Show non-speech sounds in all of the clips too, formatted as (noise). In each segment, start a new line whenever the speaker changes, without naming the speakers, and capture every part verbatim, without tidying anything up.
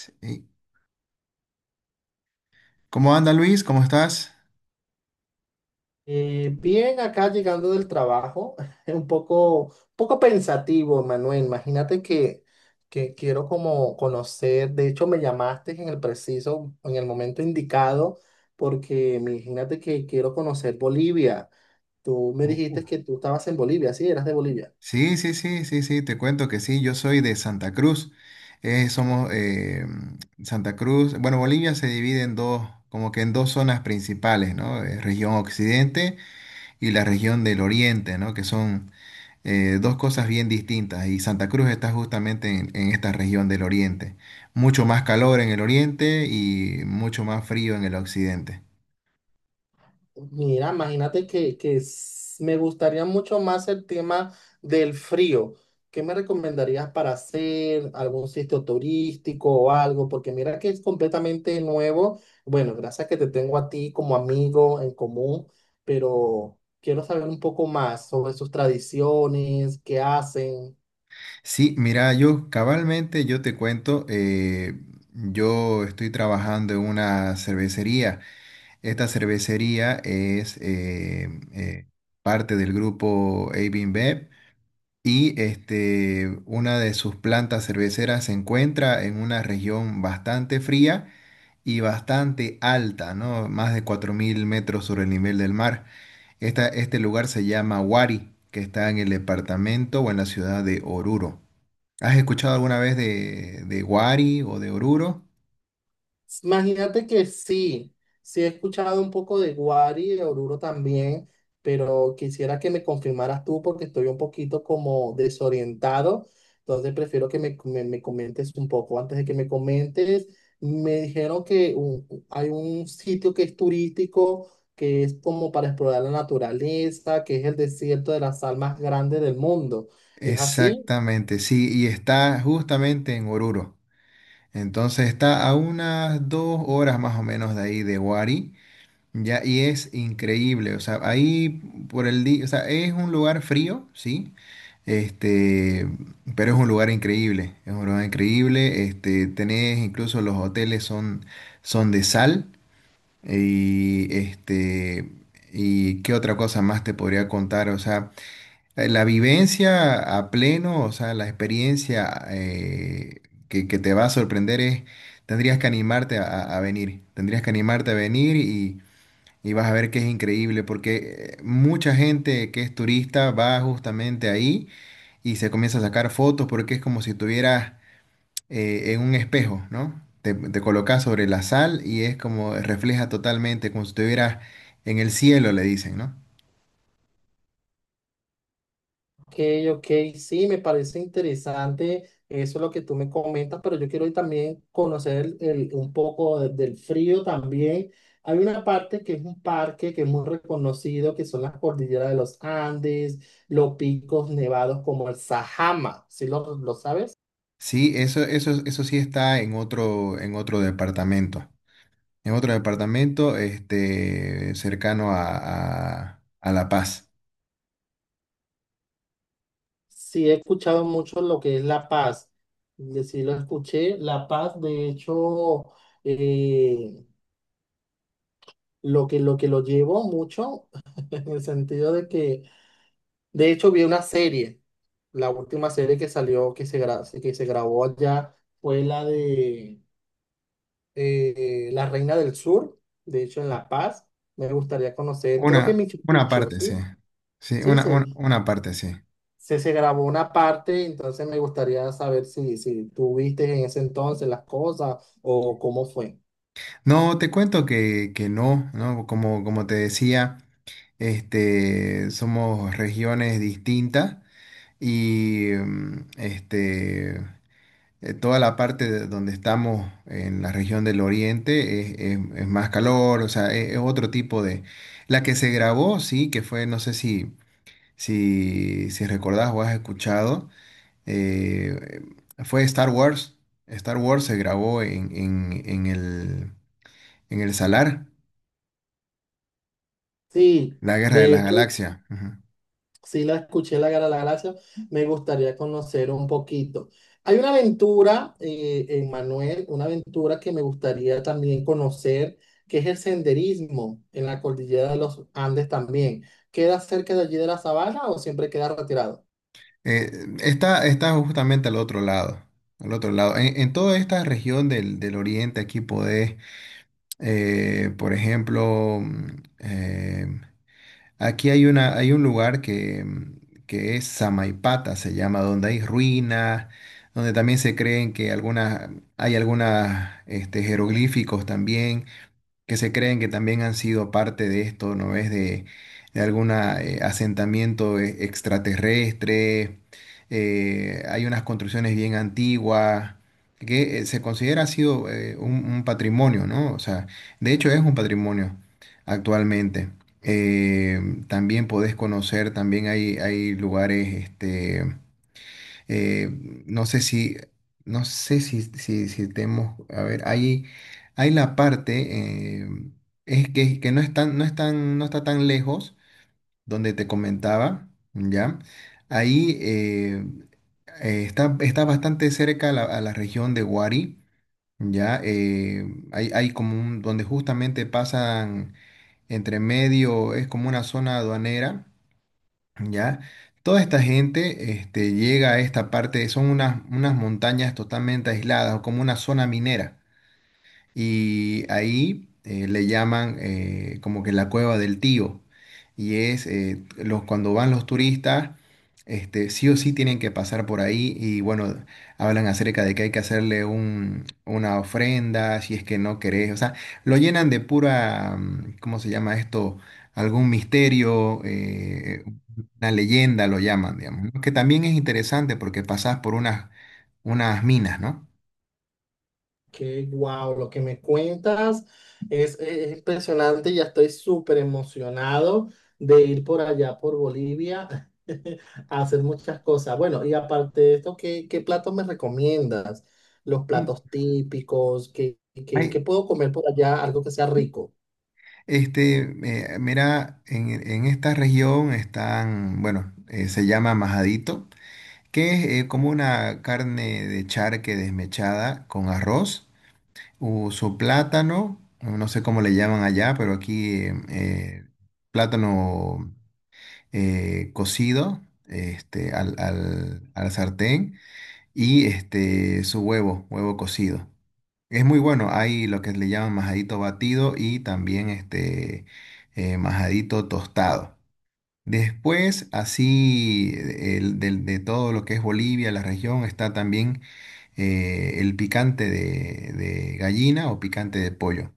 Sí. ¿Cómo anda Luis? ¿Cómo estás?
Eh, bien, acá llegando del trabajo, (laughs) un poco, un poco pensativo, Manuel. Imagínate que, que quiero como conocer, de hecho me llamaste en el preciso, en el momento indicado, porque imagínate que quiero conocer Bolivia. Tú me
Uh,
dijiste que tú estabas en Bolivia, sí, eras de Bolivia.
Sí, sí, sí, sí, sí, te cuento que sí, yo soy de Santa Cruz. Eh, somos, eh, Santa Cruz, bueno, Bolivia se divide en dos, como que en dos zonas principales, ¿no? Eh, región Occidente y la región del Oriente, ¿no? Que son eh, dos cosas bien distintas y Santa Cruz está justamente en, en esta región del Oriente. Mucho más calor en el Oriente y mucho más frío en el Occidente.
Mira, imagínate que, que s- me gustaría mucho más el tema del frío. ¿Qué me recomendarías para hacer? ¿Algún sitio turístico o algo? Porque mira que es completamente nuevo. Bueno, gracias que te tengo a ti como amigo en común, pero quiero saber un poco más sobre sus tradiciones, qué hacen.
Sí, mira, yo cabalmente, yo te cuento, eh, yo estoy trabajando en una cervecería. Esta cervecería es eh, eh, parte del grupo A B InBev y este, una de sus plantas cerveceras se encuentra en una región bastante fría y bastante alta, ¿no? Más de cuatro mil metros sobre el nivel del mar. Esta- este lugar se llama Huari, que está en el departamento o en la ciudad de Oruro. ¿Has escuchado alguna vez de, de Wari o de Oruro?
Imagínate que sí, sí he escuchado un poco de Guari, de Oruro también, pero quisiera que me confirmaras tú porque estoy un poquito como desorientado, entonces prefiero que me, me- me comentes un poco. Antes de que me comentes, me dijeron que un- hay un sitio que es turístico, que es como para explorar la naturaleza, que es el desierto de las sal más grande del mundo. ¿Es así?
Exactamente, sí, y está justamente en Oruro. Entonces está a unas dos horas más o menos de ahí de Wari, ya, y es increíble. O sea, ahí por el día, o sea, es un lugar frío, sí, este, pero es un lugar increíble, es un lugar increíble. Este, tenés, incluso los hoteles son, son de sal. Y este, ¿y qué otra cosa más te podría contar? O sea, eh, la vivencia a pleno, o sea, la experiencia, eh, que, que te va a sorprender es, tendrías que animarte a, a- a venir, tendrías que animarte a venir y, y vas a ver que es increíble, porque eh, mucha gente que es turista va justamente ahí y se comienza a sacar fotos porque es como si tuvieras, eh, en un espejo, ¿no? Te, te colocas sobre la sal y es como refleja totalmente, como si estuvieras en el cielo, le dicen, ¿no?
Ok, ok, sí, me parece interesante eso lo que tú me comentas, pero yo quiero también conocer el- el- un poco de- del frío también. Hay una parte que es un parque que es muy reconocido, que son las cordilleras de los Andes, los picos nevados como el Sajama, ¿sí lo, lo sabes?
Sí, eso, eso, eso sí está en otro, en otro departamento. En otro departamento, este, cercano a, a- a La Paz.
Sí, he escuchado mucho lo que es La Paz, de- sí lo escuché, La Paz, de hecho, eh, lo que, lo que lo llevo mucho, (laughs) en el sentido de que... De hecho, vi una serie, la última serie que salió, que se, gra- que se grabó allá, fue la de eh, La Reina del Sur, de hecho en La Paz. Me gustaría conocer, creo que en
Una,
Machu
una
Picchu,
parte,
¿sí?
sí. Sí,
Sí,
una,
se,
una, una parte, sí.
se, se grabó una parte, entonces me gustaría saber si, si tú viste en ese entonces las cosas o cómo fue.
No, te cuento que, que no, ¿no? Como, como te decía, este, somos regiones distintas. Y, mm, este, eh, toda la parte de donde estamos en la región del Oriente es, es- es más calor, o sea, es, es otro tipo de... La que se grabó, sí, que fue, no sé si, si, si recordás o has escuchado, eh, fue Star Wars. Star Wars se grabó en, en, en el, en el Salar,
Sí,
la Guerra de
de
las
hecho,
Galaxias. Ujú.
sí, la escuché, La Guerra de la Galaxia. Me gustaría conocer un poquito. Hay una aventura, eh, en Manuel, una aventura que me gustaría también conocer, que es el senderismo en la cordillera de los Andes también. ¿Queda cerca de allí de la sabana o siempre queda retirado?
Eh, está, está justamente al otro lado, al otro lado. En, en toda esta región del, del oriente aquí podés, eh, por ejemplo, mm, eh, aquí hay una, hay un lugar que, mm, que es Samaipata, se llama, donde hay ruinas, donde también se creen que algunas, hay algunas, este, jeroglíficos también que se creen que también han sido parte de esto, ¿no ves? De, de algún asentamiento eh, extraterrestre. eh, hay unas construcciones bien antiguas que, eh, se considera ha sido, eh, un, un patrimonio, ¿no? O sea, de hecho es un patrimonio actualmente. Eh, también podés conocer, también hay, hay lugares, este, eh, no sé si, no sé si, si, si tenemos, a ver, hay, hay la parte, eh, es que, que no es tan- no es tan- no está tan lejos, donde te comentaba, ¿ya? Ahí, eh, eh, está, está bastante cerca a la, a la región de Huari, ¿ya? Eh, hay, hay como un, donde justamente pasan entre medio, es como una zona aduanera, ¿ya? Toda esta gente, este, llega a esta parte, son unas, unas montañas totalmente aisladas, o como una zona minera. Y ahí, eh, le llaman, eh, como que la cueva del tío. Y es, eh, los, cuando van los turistas, este, sí o sí tienen que pasar por ahí. Y bueno, hablan acerca de que hay que hacerle un, una ofrenda si es que no querés. O sea, lo llenan de pura, mm, ¿cómo se llama esto? Algún misterio, eh, una leyenda lo llaman, digamos, ¿no? Que también es interesante porque pasás por unas, unas minas, ¿no?
Qué guau, lo que me cuentas es, es impresionante, ya estoy súper emocionado de ir por allá, por Bolivia, (laughs) a hacer muchas cosas. Bueno, y aparte de esto, ¿qué, qué platos me recomiendas? Los
Mm,
platos típicos, ¿qué, qué, qué
hay-
puedo comer por allá? Algo que sea rico.
este, eh, mira, en, en esta región están, bueno, eh, se llama majadito, que es, eh, como una carne de charque desmechada con arroz, uso plátano, no sé cómo le llaman allá, pero aquí, eh, eh, plátano, eh, cocido, este, al, al, al sartén y este, su huevo, huevo cocido. Es muy bueno, hay lo que le llaman majadito batido y también este, eh, majadito tostado. Después, así, el, del- de todo lo que es Bolivia, la región, está también, eh, el picante de, de gallina o picante de pollo.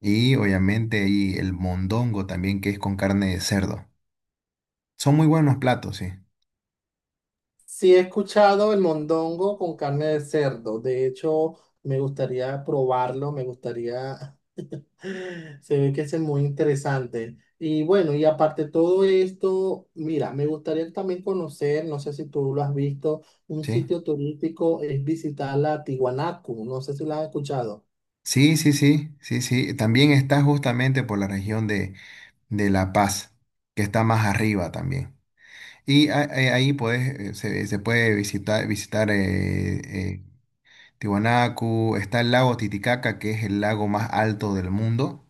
Y obviamente hay el mondongo también, que es con carne de cerdo. Son muy buenos platos, sí.
Sí, he escuchado el mondongo con carne de cerdo, de hecho, me gustaría probarlo, me gustaría (laughs) (laughs) se ve que es muy interesante. Y bueno, y aparte de todo esto, mira, me gustaría también conocer, no sé si tú lo has visto, un
Sí,
sitio turístico es visitar la Tiwanaku, no sé si lo has escuchado.
sí, sí, sí, sí, sí. También está justamente por la región de, de La Paz, que está más arriba también. Y a, a- ahí puedes, eh, se, se puede visitar, visitar, eh, eh, Tiwanaku, está el lago Titicaca, que es el lago más alto del mundo,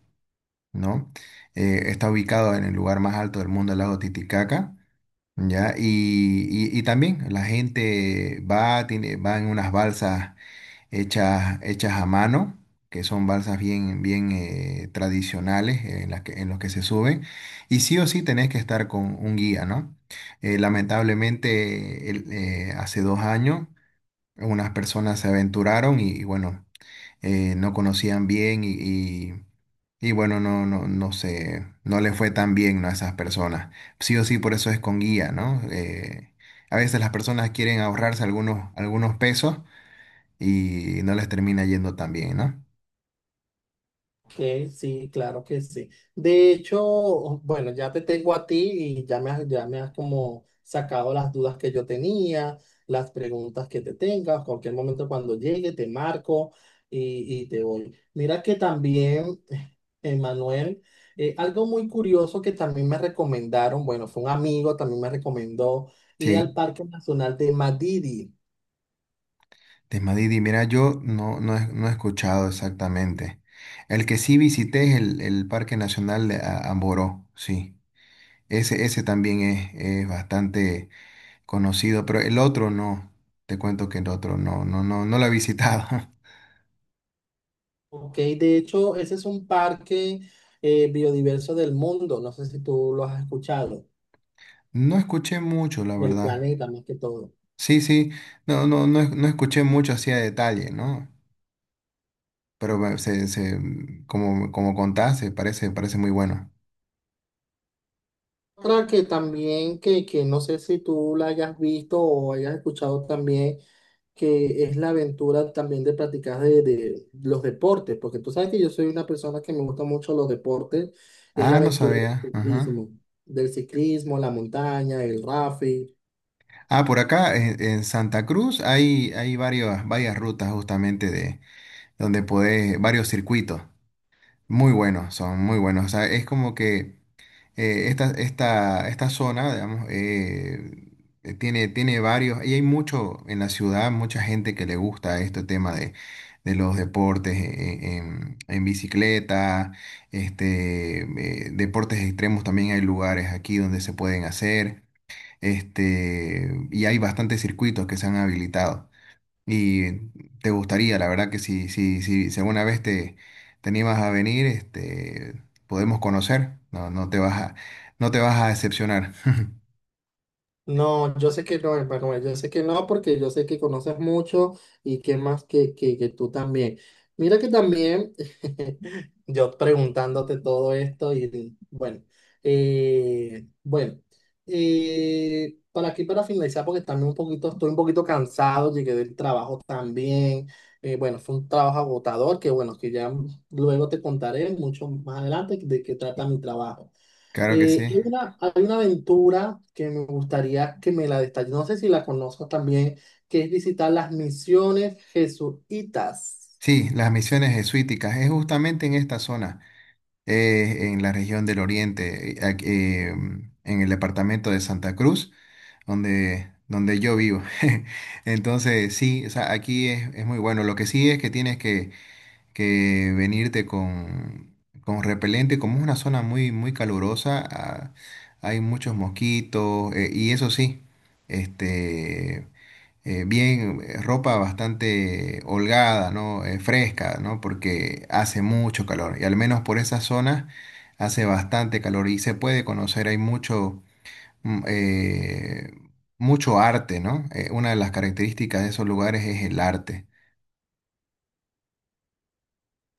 ¿no? Eh, está ubicado en el lugar más alto del mundo, el lago Titicaca, ¿ya? Y, y- y también la gente va, tiene, va en unas balsas hechas, hechas a mano, que son balsas bien, bien, eh, tradicionales, eh, en las que, en los que se suben. Y sí o sí tenés que estar con un guía, ¿no? Eh, lamentablemente, el- eh, hace dos años, unas personas se aventuraron y, y bueno, eh, no conocían bien y, y- y bueno, no, no, no sé, no le fue tan bien, ¿no? A esas personas. Sí o sí, por eso es con guía, ¿no? Eh, a veces las personas quieren ahorrarse algunos, algunos pesos y no les termina yendo tan bien, ¿no?
Que sí, claro que sí. De hecho, bueno, ya te tengo a ti y ya me has, ya me has como sacado las dudas que yo tenía, las preguntas que te tengas. Cualquier momento cuando llegue te marco y, y te voy. Mira que también, (laughs) Emanuel, eh, algo muy curioso que también me recomendaron, bueno, fue un amigo, también me recomendó ir al
Sí.
Parque Nacional de Madidi.
Desmadidi, mira, yo no, no, he, no he escuchado exactamente. El que sí visité es el, el Parque Nacional de A- Amboró, sí. Ese, ese también es, es bastante conocido, pero el otro no. Te cuento que el otro no, no, no, no lo he visitado. (laughs)
Ok, de hecho, ese es un parque eh, biodiverso del mundo, no sé si tú lo has escuchado,
No escuché mucho, la
del
verdad.
planeta más que todo.
Sí, sí, no, no, no, no escuché mucho así a detalle, ¿no? Pero me- se, se, como, como contaste, parece, parece muy bueno.
Otra que también, que, que no sé si tú la hayas visto o hayas escuchado también, que es la aventura también de practicar de, de los deportes, porque tú sabes que yo soy una persona que me gusta mucho los deportes, es la
Ah, no
aventura
sabía.
del
Ajá.
ciclismo, del ciclismo, la montaña, el rafting.
Ah, por acá en, en Santa Cruz hay, hay varias, varias rutas justamente de donde podés, varios circuitos. Muy buenos, son muy buenos. O sea, es como que, eh, esta, esta, esta zona, digamos, eh, eh, tiene, tiene varios, y hay mucho en la ciudad, mucha gente que le gusta este tema de, de los deportes, eh, en, en bicicleta, este, eh, deportes extremos también hay lugares aquí donde se pueden hacer. Este, y hay bastantes circuitos que se han habilitado. Y te gustaría, la verdad que si, si, si, si alguna vez te, te animas a venir, este, podemos conocer. No, no te vas a, no te vas a decepcionar. (laughs)
No, yo sé que no, Emanuel, yo sé que no, porque yo sé que conoces mucho y que más que, que, que tú también. Mira que también, (laughs) yo preguntándote todo esto y bueno, eh, bueno, eh, para aquí para finalizar, porque también un poquito, estoy un poquito cansado, llegué del trabajo también, eh, bueno, fue un trabajo agotador que bueno, que ya luego te contaré mucho más adelante de qué trata mi trabajo.
Claro que sí.
Eh, hay una, hay una aventura que me gustaría que me la detalles. No sé si la conozco también, que es visitar las misiones jesuitas.
Sí, las misiones jesuíticas es justamente en esta zona, eh, en la región del Oriente, eh, aquí, eh, en el departamento de Santa Cruz, donde, donde yo vivo. (laughs) Entonces, sí, o sea, aquí es, es muy bueno. Lo que sí es que tienes que que venirte con, con repelente, como es una zona muy, muy calurosa, ah, hay muchos mosquitos, eh, y eso sí, este, eh, bien, eh, ropa bastante holgada, ¿no? Eh, fresca, ¿no? Porque hace mucho calor, y al menos por esas zonas hace bastante calor, y se puede conocer, hay mucho... mm, eh, mucho arte, ¿no? Eh, una de las características de esos lugares es el arte.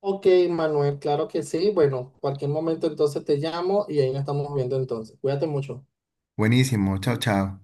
Ok, Manuel, claro que sí. Bueno, cualquier momento entonces te llamo y ahí nos estamos viendo entonces. Cuídate mucho.
Buenísimo, chao, chao.